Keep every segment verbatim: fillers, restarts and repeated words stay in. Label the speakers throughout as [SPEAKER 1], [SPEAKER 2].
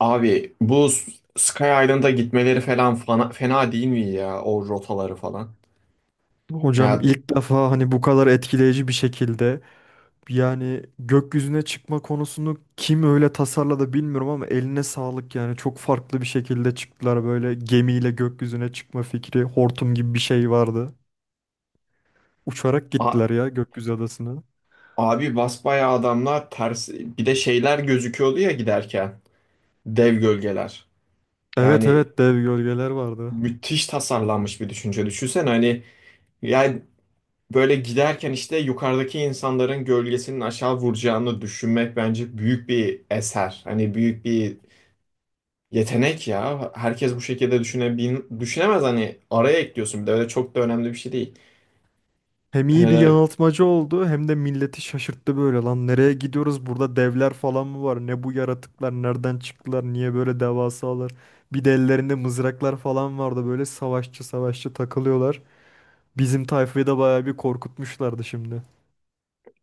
[SPEAKER 1] Abi bu Sky Island'a gitmeleri falan fena, fena değil mi ya o rotaları falan?
[SPEAKER 2] Hocam
[SPEAKER 1] Ya
[SPEAKER 2] ilk defa hani bu kadar etkileyici bir şekilde yani gökyüzüne çıkma konusunu kim öyle tasarladı bilmiyorum ama eline sağlık yani çok farklı bir şekilde çıktılar böyle gemiyle gökyüzüne çıkma fikri hortum gibi bir şey vardı. Uçarak
[SPEAKER 1] a-
[SPEAKER 2] gittiler ya gökyüzü adasına.
[SPEAKER 1] abi basbayağı adamlar ters bir de şeyler gözüküyordu ya giderken dev gölgeler.
[SPEAKER 2] Evet
[SPEAKER 1] Yani
[SPEAKER 2] evet, dev gölgeler vardı.
[SPEAKER 1] müthiş tasarlanmış bir düşünce. Düşünsene hani yani böyle giderken işte yukarıdaki insanların gölgesinin aşağı vuracağını düşünmek bence büyük bir eser. Hani büyük bir yetenek ya. Herkes bu şekilde düşünebil düşünemez, hani araya ekliyorsun bir de öyle, çok da önemli bir şey değil.
[SPEAKER 2] Hem iyi bir
[SPEAKER 1] Hele
[SPEAKER 2] yanıltmacı oldu hem de milleti şaşırttı böyle lan nereye gidiyoruz burada devler falan mı var ne bu yaratıklar nereden çıktılar niye böyle devasalar bir de ellerinde mızraklar falan vardı böyle savaşçı savaşçı takılıyorlar bizim tayfayı da bayağı bir korkutmuşlardı şimdi.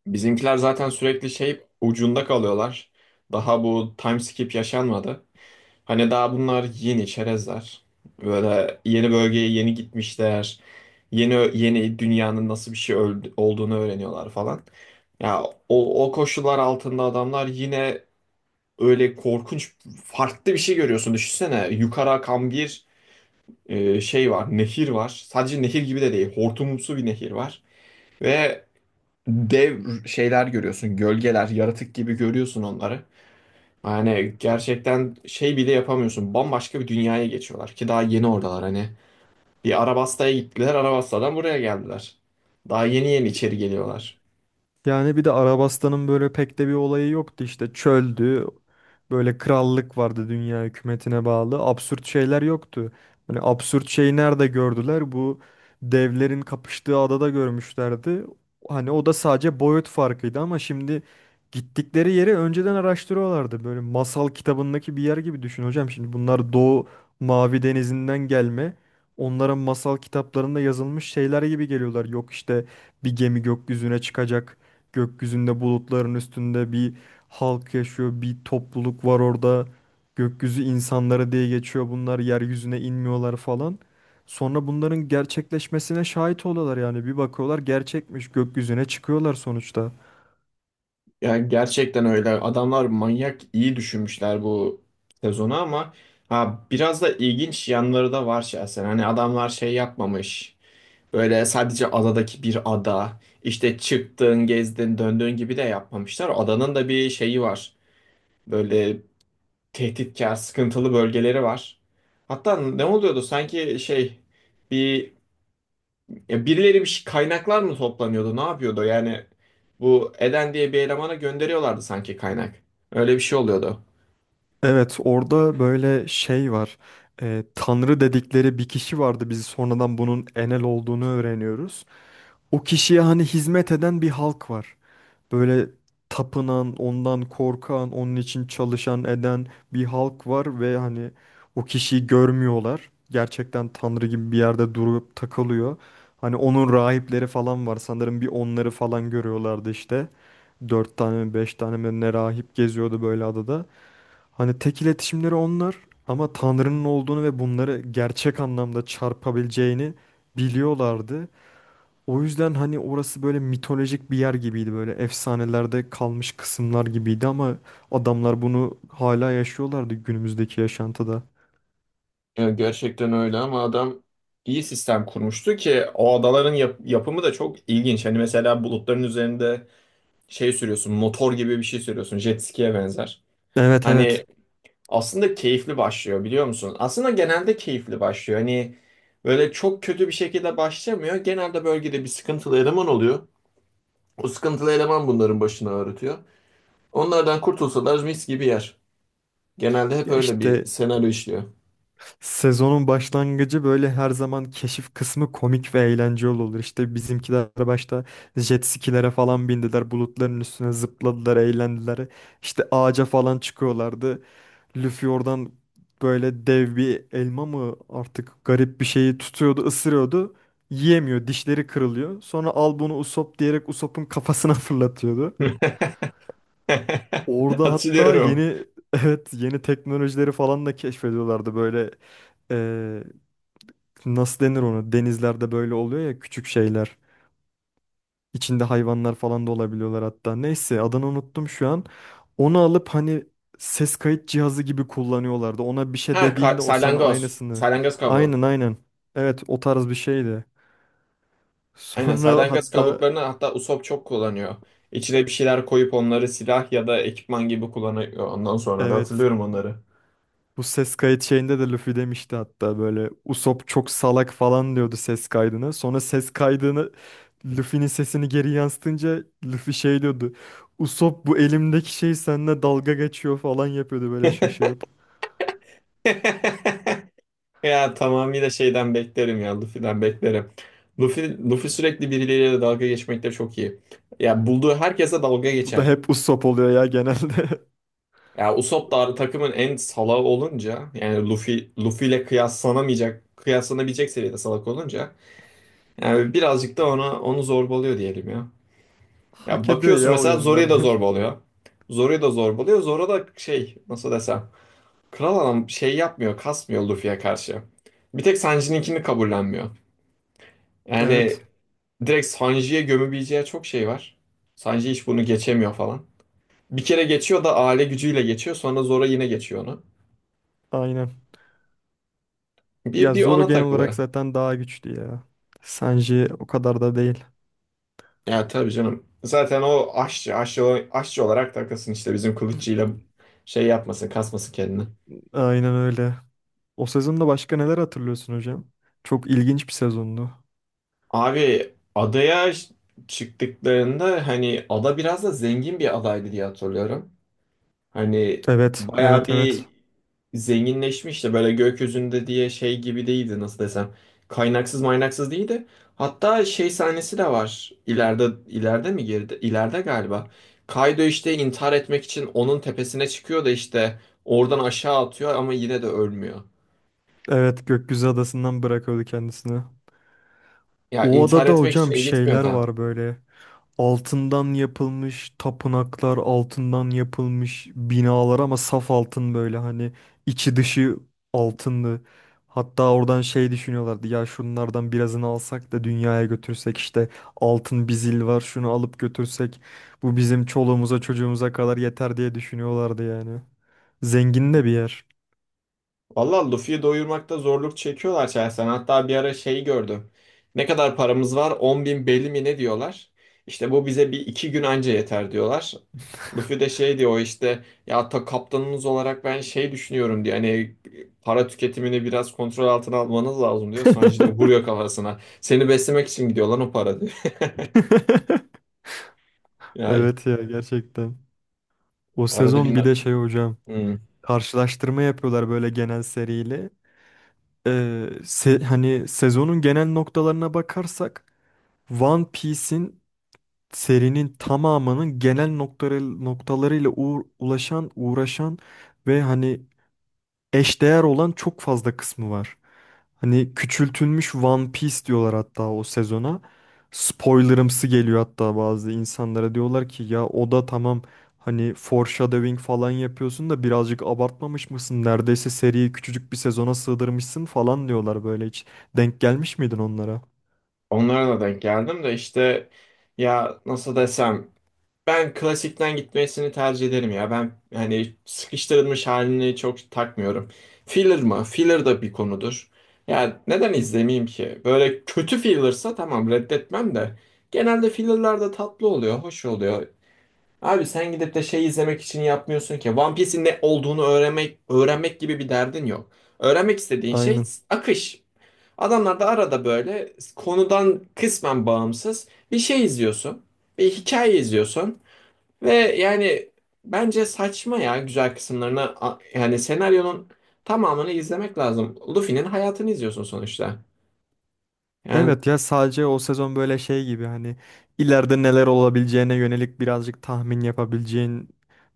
[SPEAKER 1] bizimkiler zaten sürekli şey ucunda kalıyorlar. Daha bu time skip yaşanmadı. Hani daha bunlar yeni çerezler. Böyle yeni bölgeye yeni gitmişler. Yeni yeni dünyanın nasıl bir şey öl- olduğunu öğreniyorlar falan. Ya o, o koşullar altında adamlar yine öyle korkunç farklı bir şey görüyorsun. Düşünsene yukarı akan bir e, şey var, nehir var. Sadece nehir gibi de değil, hortumumsu bir nehir var. Ve dev şeyler görüyorsun. Gölgeler, yaratık gibi görüyorsun onları. Yani gerçekten şey bile yapamıyorsun. Bambaşka bir dünyaya geçiyorlar ki daha yeni oradalar hani. Bir Arabasta'ya gittiler, Arabasta'dan buraya geldiler. Daha yeni yeni içeri geliyorlar.
[SPEAKER 2] Yani bir de Arabistan'ın böyle pek de bir olayı yoktu işte çöldü. Böyle krallık vardı dünya hükümetine bağlı. Absürt şeyler yoktu. Hani absürt şeyi nerede gördüler? Bu devlerin kapıştığı adada görmüşlerdi. Hani o da sadece boyut farkıydı ama şimdi gittikleri yeri önceden araştırıyorlardı. Böyle masal kitabındaki bir yer gibi düşün hocam. Şimdi bunlar Doğu Mavi Denizi'nden gelme. Onların masal kitaplarında yazılmış şeyler gibi geliyorlar. Yok işte bir gemi gökyüzüne çıkacak. Gökyüzünde bulutların üstünde bir halk yaşıyor, bir topluluk var orada. Gökyüzü insanları diye geçiyor bunlar, yeryüzüne inmiyorlar falan. Sonra bunların gerçekleşmesine şahit oluyorlar yani bir bakıyorlar gerçekmiş gökyüzüne çıkıyorlar sonuçta.
[SPEAKER 1] Yani gerçekten öyle. Adamlar manyak iyi düşünmüşler bu sezonu ama ha biraz da ilginç yanları da var şahsen. Hani adamlar şey yapmamış. Öyle sadece adadaki bir ada. İşte çıktın, gezdin, döndüğün gibi de yapmamışlar. Adanın da bir şeyi var. Böyle tehditkar, sıkıntılı bölgeleri var. Hatta ne oluyordu? Sanki şey bir, ya birileri bir şey, kaynaklar mı toplanıyordu? Ne yapıyordu? Yani bu Eden diye bir elemana gönderiyorlardı sanki kaynak. Öyle bir şey oluyordu.
[SPEAKER 2] Evet orada böyle şey var. Ee, Tanrı dedikleri bir kişi vardı biz sonradan bunun Enel olduğunu öğreniyoruz. O kişiye hani hizmet eden bir halk var. Böyle tapınan, ondan korkan, onun için çalışan eden bir halk var ve hani o kişiyi görmüyorlar. Gerçekten tanrı gibi bir yerde durup takılıyor. Hani onun rahipleri falan var. Sanırım bir onları falan görüyorlardı işte. Dört tane mi beş tane mi ne rahip geziyordu böyle adada. Hani tek iletişimleri onlar ama Tanrı'nın olduğunu ve bunları gerçek anlamda çarpabileceğini biliyorlardı. O yüzden hani orası böyle mitolojik bir yer gibiydi böyle efsanelerde kalmış kısımlar gibiydi ama adamlar bunu hala yaşıyorlardı günümüzdeki yaşantıda.
[SPEAKER 1] Ya gerçekten öyle ama adam iyi sistem kurmuştu ki o adaların yap- yapımı da çok ilginç. Hani mesela bulutların üzerinde şey sürüyorsun, motor gibi bir şey sürüyorsun, jet ski'ye benzer.
[SPEAKER 2] Evet evet.
[SPEAKER 1] Hani aslında keyifli başlıyor biliyor musun? Aslında genelde keyifli başlıyor. Hani böyle çok kötü bir şekilde başlamıyor. Genelde bölgede bir sıkıntılı eleman oluyor. O sıkıntılı eleman bunların başına ağrıtıyor. Onlardan kurtulsalar mis gibi yer. Genelde hep
[SPEAKER 2] Ya
[SPEAKER 1] öyle bir
[SPEAKER 2] işte
[SPEAKER 1] senaryo işliyor.
[SPEAKER 2] sezonun başlangıcı böyle her zaman keşif kısmı komik ve eğlenceli olur. İşte bizimkiler başta jet skilere falan bindiler, bulutların üstüne zıpladılar, eğlendiler. İşte ağaca falan çıkıyorlardı. Luffy oradan böyle dev bir elma mı artık garip bir şeyi tutuyordu, ısırıyordu. Yiyemiyor, dişleri kırılıyor. Sonra al bunu Usopp diyerek Usopp'un kafasına fırlatıyordu. Orada hatta
[SPEAKER 1] Hatırlıyorum.
[SPEAKER 2] yeni evet yeni teknolojileri falan da keşfediyorlardı böyle eee, nasıl denir onu denizlerde böyle oluyor ya küçük şeyler. İçinde hayvanlar falan da olabiliyorlar hatta. Neyse adını unuttum şu an. Onu alıp hani ses kayıt cihazı gibi kullanıyorlardı. Ona bir
[SPEAKER 1] Ha,
[SPEAKER 2] şey
[SPEAKER 1] ka-
[SPEAKER 2] dediğinde o sana
[SPEAKER 1] salyangoz.
[SPEAKER 2] aynısını.
[SPEAKER 1] Salyangoz kabuğu.
[SPEAKER 2] Aynen aynen. Evet o tarz bir şeydi.
[SPEAKER 1] Aynen,
[SPEAKER 2] Sonra
[SPEAKER 1] salyangoz
[SPEAKER 2] hatta
[SPEAKER 1] kabuklarını hatta Usopp çok kullanıyor. İçine bir şeyler koyup onları silah ya da ekipman gibi kullanıyor. Ondan sonra da
[SPEAKER 2] evet
[SPEAKER 1] hatırlıyorum onları.
[SPEAKER 2] bu ses kayıt şeyinde de Luffy demişti hatta böyle Usopp çok salak falan diyordu ses kaydını. Sonra ses kaydını Luffy'nin sesini geri yansıtınca Luffy şey diyordu. Usopp bu elimdeki şey seninle dalga geçiyor falan yapıyordu böyle şaşırıp.
[SPEAKER 1] Ya tamamıyla şeyden beklerim, ya Luffy'den beklerim. Luffy, Luffy sürekli birileriyle dalga geçmekte çok iyi. Ya bulduğu herkese dalga
[SPEAKER 2] Bu da
[SPEAKER 1] geçer.
[SPEAKER 2] hep Usopp oluyor ya genelde.
[SPEAKER 1] Ya Usopp da takımın en salağı olunca, yani Luffy Luffy ile kıyaslanamayacak kıyaslanabilecek seviyede salak olunca yani birazcık da ona onu zorbalıyor diyelim ya. Ya
[SPEAKER 2] Hak ediyor
[SPEAKER 1] bakıyorsun
[SPEAKER 2] ya o
[SPEAKER 1] mesela Zoru'ya da
[SPEAKER 2] yönlerden.
[SPEAKER 1] zorba oluyor. Zoru'ya da zorba, Zoru da şey, nasıl desem. Kral adam şey yapmıyor, kasmıyor Luffy'ye karşı. Bir tek Sanji'ninkini kabullenmiyor.
[SPEAKER 2] Evet,
[SPEAKER 1] Yani direkt Sanji'ye gömebileceği çok şey var. Sanji hiç bunu geçemiyor falan. Bir kere geçiyor da aile gücüyle geçiyor. Sonra Zoro yine geçiyor onu.
[SPEAKER 2] aynen.
[SPEAKER 1] Bir,
[SPEAKER 2] Ya
[SPEAKER 1] bir
[SPEAKER 2] Zoro
[SPEAKER 1] ona
[SPEAKER 2] genel olarak
[SPEAKER 1] takılıyor.
[SPEAKER 2] zaten daha güçlü ya. Sanji o kadar da değil.
[SPEAKER 1] Ya tabii canım. Zaten o aşçı, aşçı, aşçı olarak takılsın işte bizim kılıççıyla şey yapmasın, kasmasın kendini.
[SPEAKER 2] Aynen öyle. O sezonda başka neler hatırlıyorsun hocam? Çok ilginç bir sezondu.
[SPEAKER 1] Abi adaya ş- çıktıklarında hani ada biraz da zengin bir adaydı diye hatırlıyorum. Hani
[SPEAKER 2] Evet,
[SPEAKER 1] bayağı
[SPEAKER 2] evet,
[SPEAKER 1] bir
[SPEAKER 2] evet.
[SPEAKER 1] zenginleşmişti, böyle gökyüzünde diye şey gibi değildi, nasıl desem. Kaynaksız maynaksız değildi. Hatta şey sahnesi de var. İleride ileride mi girdi? İleride galiba. Kaido işte intihar etmek için onun tepesine çıkıyor da işte oradan aşağı atıyor ama yine de ölmüyor.
[SPEAKER 2] Evet, Gökyüzü Adası'ndan bırakıyordu kendisini.
[SPEAKER 1] Ya
[SPEAKER 2] O
[SPEAKER 1] intihar
[SPEAKER 2] adada
[SPEAKER 1] etmek için
[SPEAKER 2] hocam
[SPEAKER 1] iyi gitmiyor.
[SPEAKER 2] şeyler var böyle. Altından yapılmış tapınaklar, altından yapılmış binalar ama saf altın böyle hani içi dışı altınlı. Hatta oradan şey düşünüyorlardı ya şunlardan birazını alsak da dünyaya götürsek işte altın bir zil var şunu alıp götürsek bu bizim çoluğumuza çocuğumuza kadar yeter diye düşünüyorlardı yani. Zengin de bir yer.
[SPEAKER 1] Valla Luffy'yi doyurmakta zorluk çekiyorlar şahsen. Hatta bir ara şeyi gördüm. Ne kadar paramız var? On bin belli mi ne diyorlar. İşte bu bize bir iki gün anca yeter diyorlar. Luffy de şey diyor, işte ya ta kaptanınız olarak ben şey düşünüyorum diyor. Hani para tüketimini biraz kontrol altına almanız lazım diyor. Sanji de vuruyor kafasına. Seni beslemek için gidiyor lan o para diyor. Yani
[SPEAKER 2] Evet ya gerçekten. O
[SPEAKER 1] arada
[SPEAKER 2] sezon
[SPEAKER 1] bir...
[SPEAKER 2] bir de şey hocam.
[SPEAKER 1] Hmm.
[SPEAKER 2] Karşılaştırma yapıyorlar böyle genel seriyle. Ee, se- hani sezonun genel noktalarına bakarsak One Piece'in serinin tamamının genel noktaları noktalarıyla uğ- ulaşan, uğraşan ve hani eşdeğer olan çok fazla kısmı var. Hani küçültülmüş One Piece diyorlar hatta o sezona. Spoilerımsı geliyor hatta bazı insanlara diyorlar ki ya o da tamam hani foreshadowing falan yapıyorsun da birazcık abartmamış mısın? Neredeyse seriyi küçücük bir sezona sığdırmışsın falan diyorlar böyle hiç. Denk gelmiş miydin onlara?
[SPEAKER 1] Onlara da denk geldim de işte, ya nasıl desem, ben klasikten gitmesini tercih ederim ya. Ben hani sıkıştırılmış halini çok takmıyorum. Filler mı? Filler da bir konudur. Yani neden izlemeyeyim ki? Böyle kötü fillersa tamam, reddetmem de. Genelde fillerler de tatlı oluyor, hoş oluyor. Abi sen gidip de şey izlemek için yapmıyorsun ki. One Piece'in ne olduğunu öğrenmek, öğrenmek gibi bir derdin yok. Öğrenmek istediğin şey
[SPEAKER 2] Aynen.
[SPEAKER 1] akış. Adamlar da arada böyle konudan kısmen bağımsız bir şey izliyorsun. Bir hikaye izliyorsun. Ve yani bence saçma ya, güzel kısımlarını a- yani senaryonun tamamını izlemek lazım. Luffy'nin hayatını izliyorsun sonuçta. Yani
[SPEAKER 2] Evet ya sadece o sezon böyle şey gibi hani ileride neler olabileceğine yönelik birazcık tahmin yapabileceğin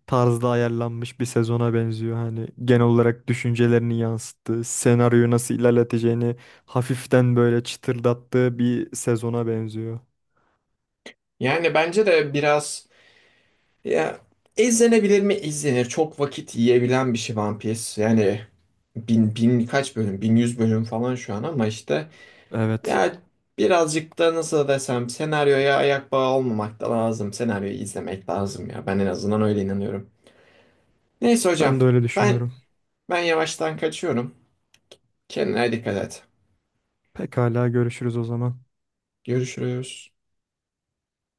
[SPEAKER 2] tarzda ayarlanmış bir sezona benziyor. Hani genel olarak düşüncelerini yansıttığı, senaryoyu nasıl ilerleteceğini hafiften böyle çıtırdattığı bir sezona benziyor.
[SPEAKER 1] yani bence de biraz, ya izlenebilir mi? İzlenir. Çok vakit yiyebilen bir şey One Piece. Yani bin, bin kaç bölüm? Bin yüz bölüm falan şu an ama işte
[SPEAKER 2] Evet,
[SPEAKER 1] ya birazcık da nasıl desem senaryoya ayak bağı olmamak da lazım. Senaryoyu izlemek lazım ya. Ben en azından öyle inanıyorum. Neyse hocam,
[SPEAKER 2] ben de öyle
[SPEAKER 1] ben
[SPEAKER 2] düşünüyorum.
[SPEAKER 1] ben yavaştan kaçıyorum. Kendine dikkat et.
[SPEAKER 2] Pekala görüşürüz o zaman.
[SPEAKER 1] Görüşürüz.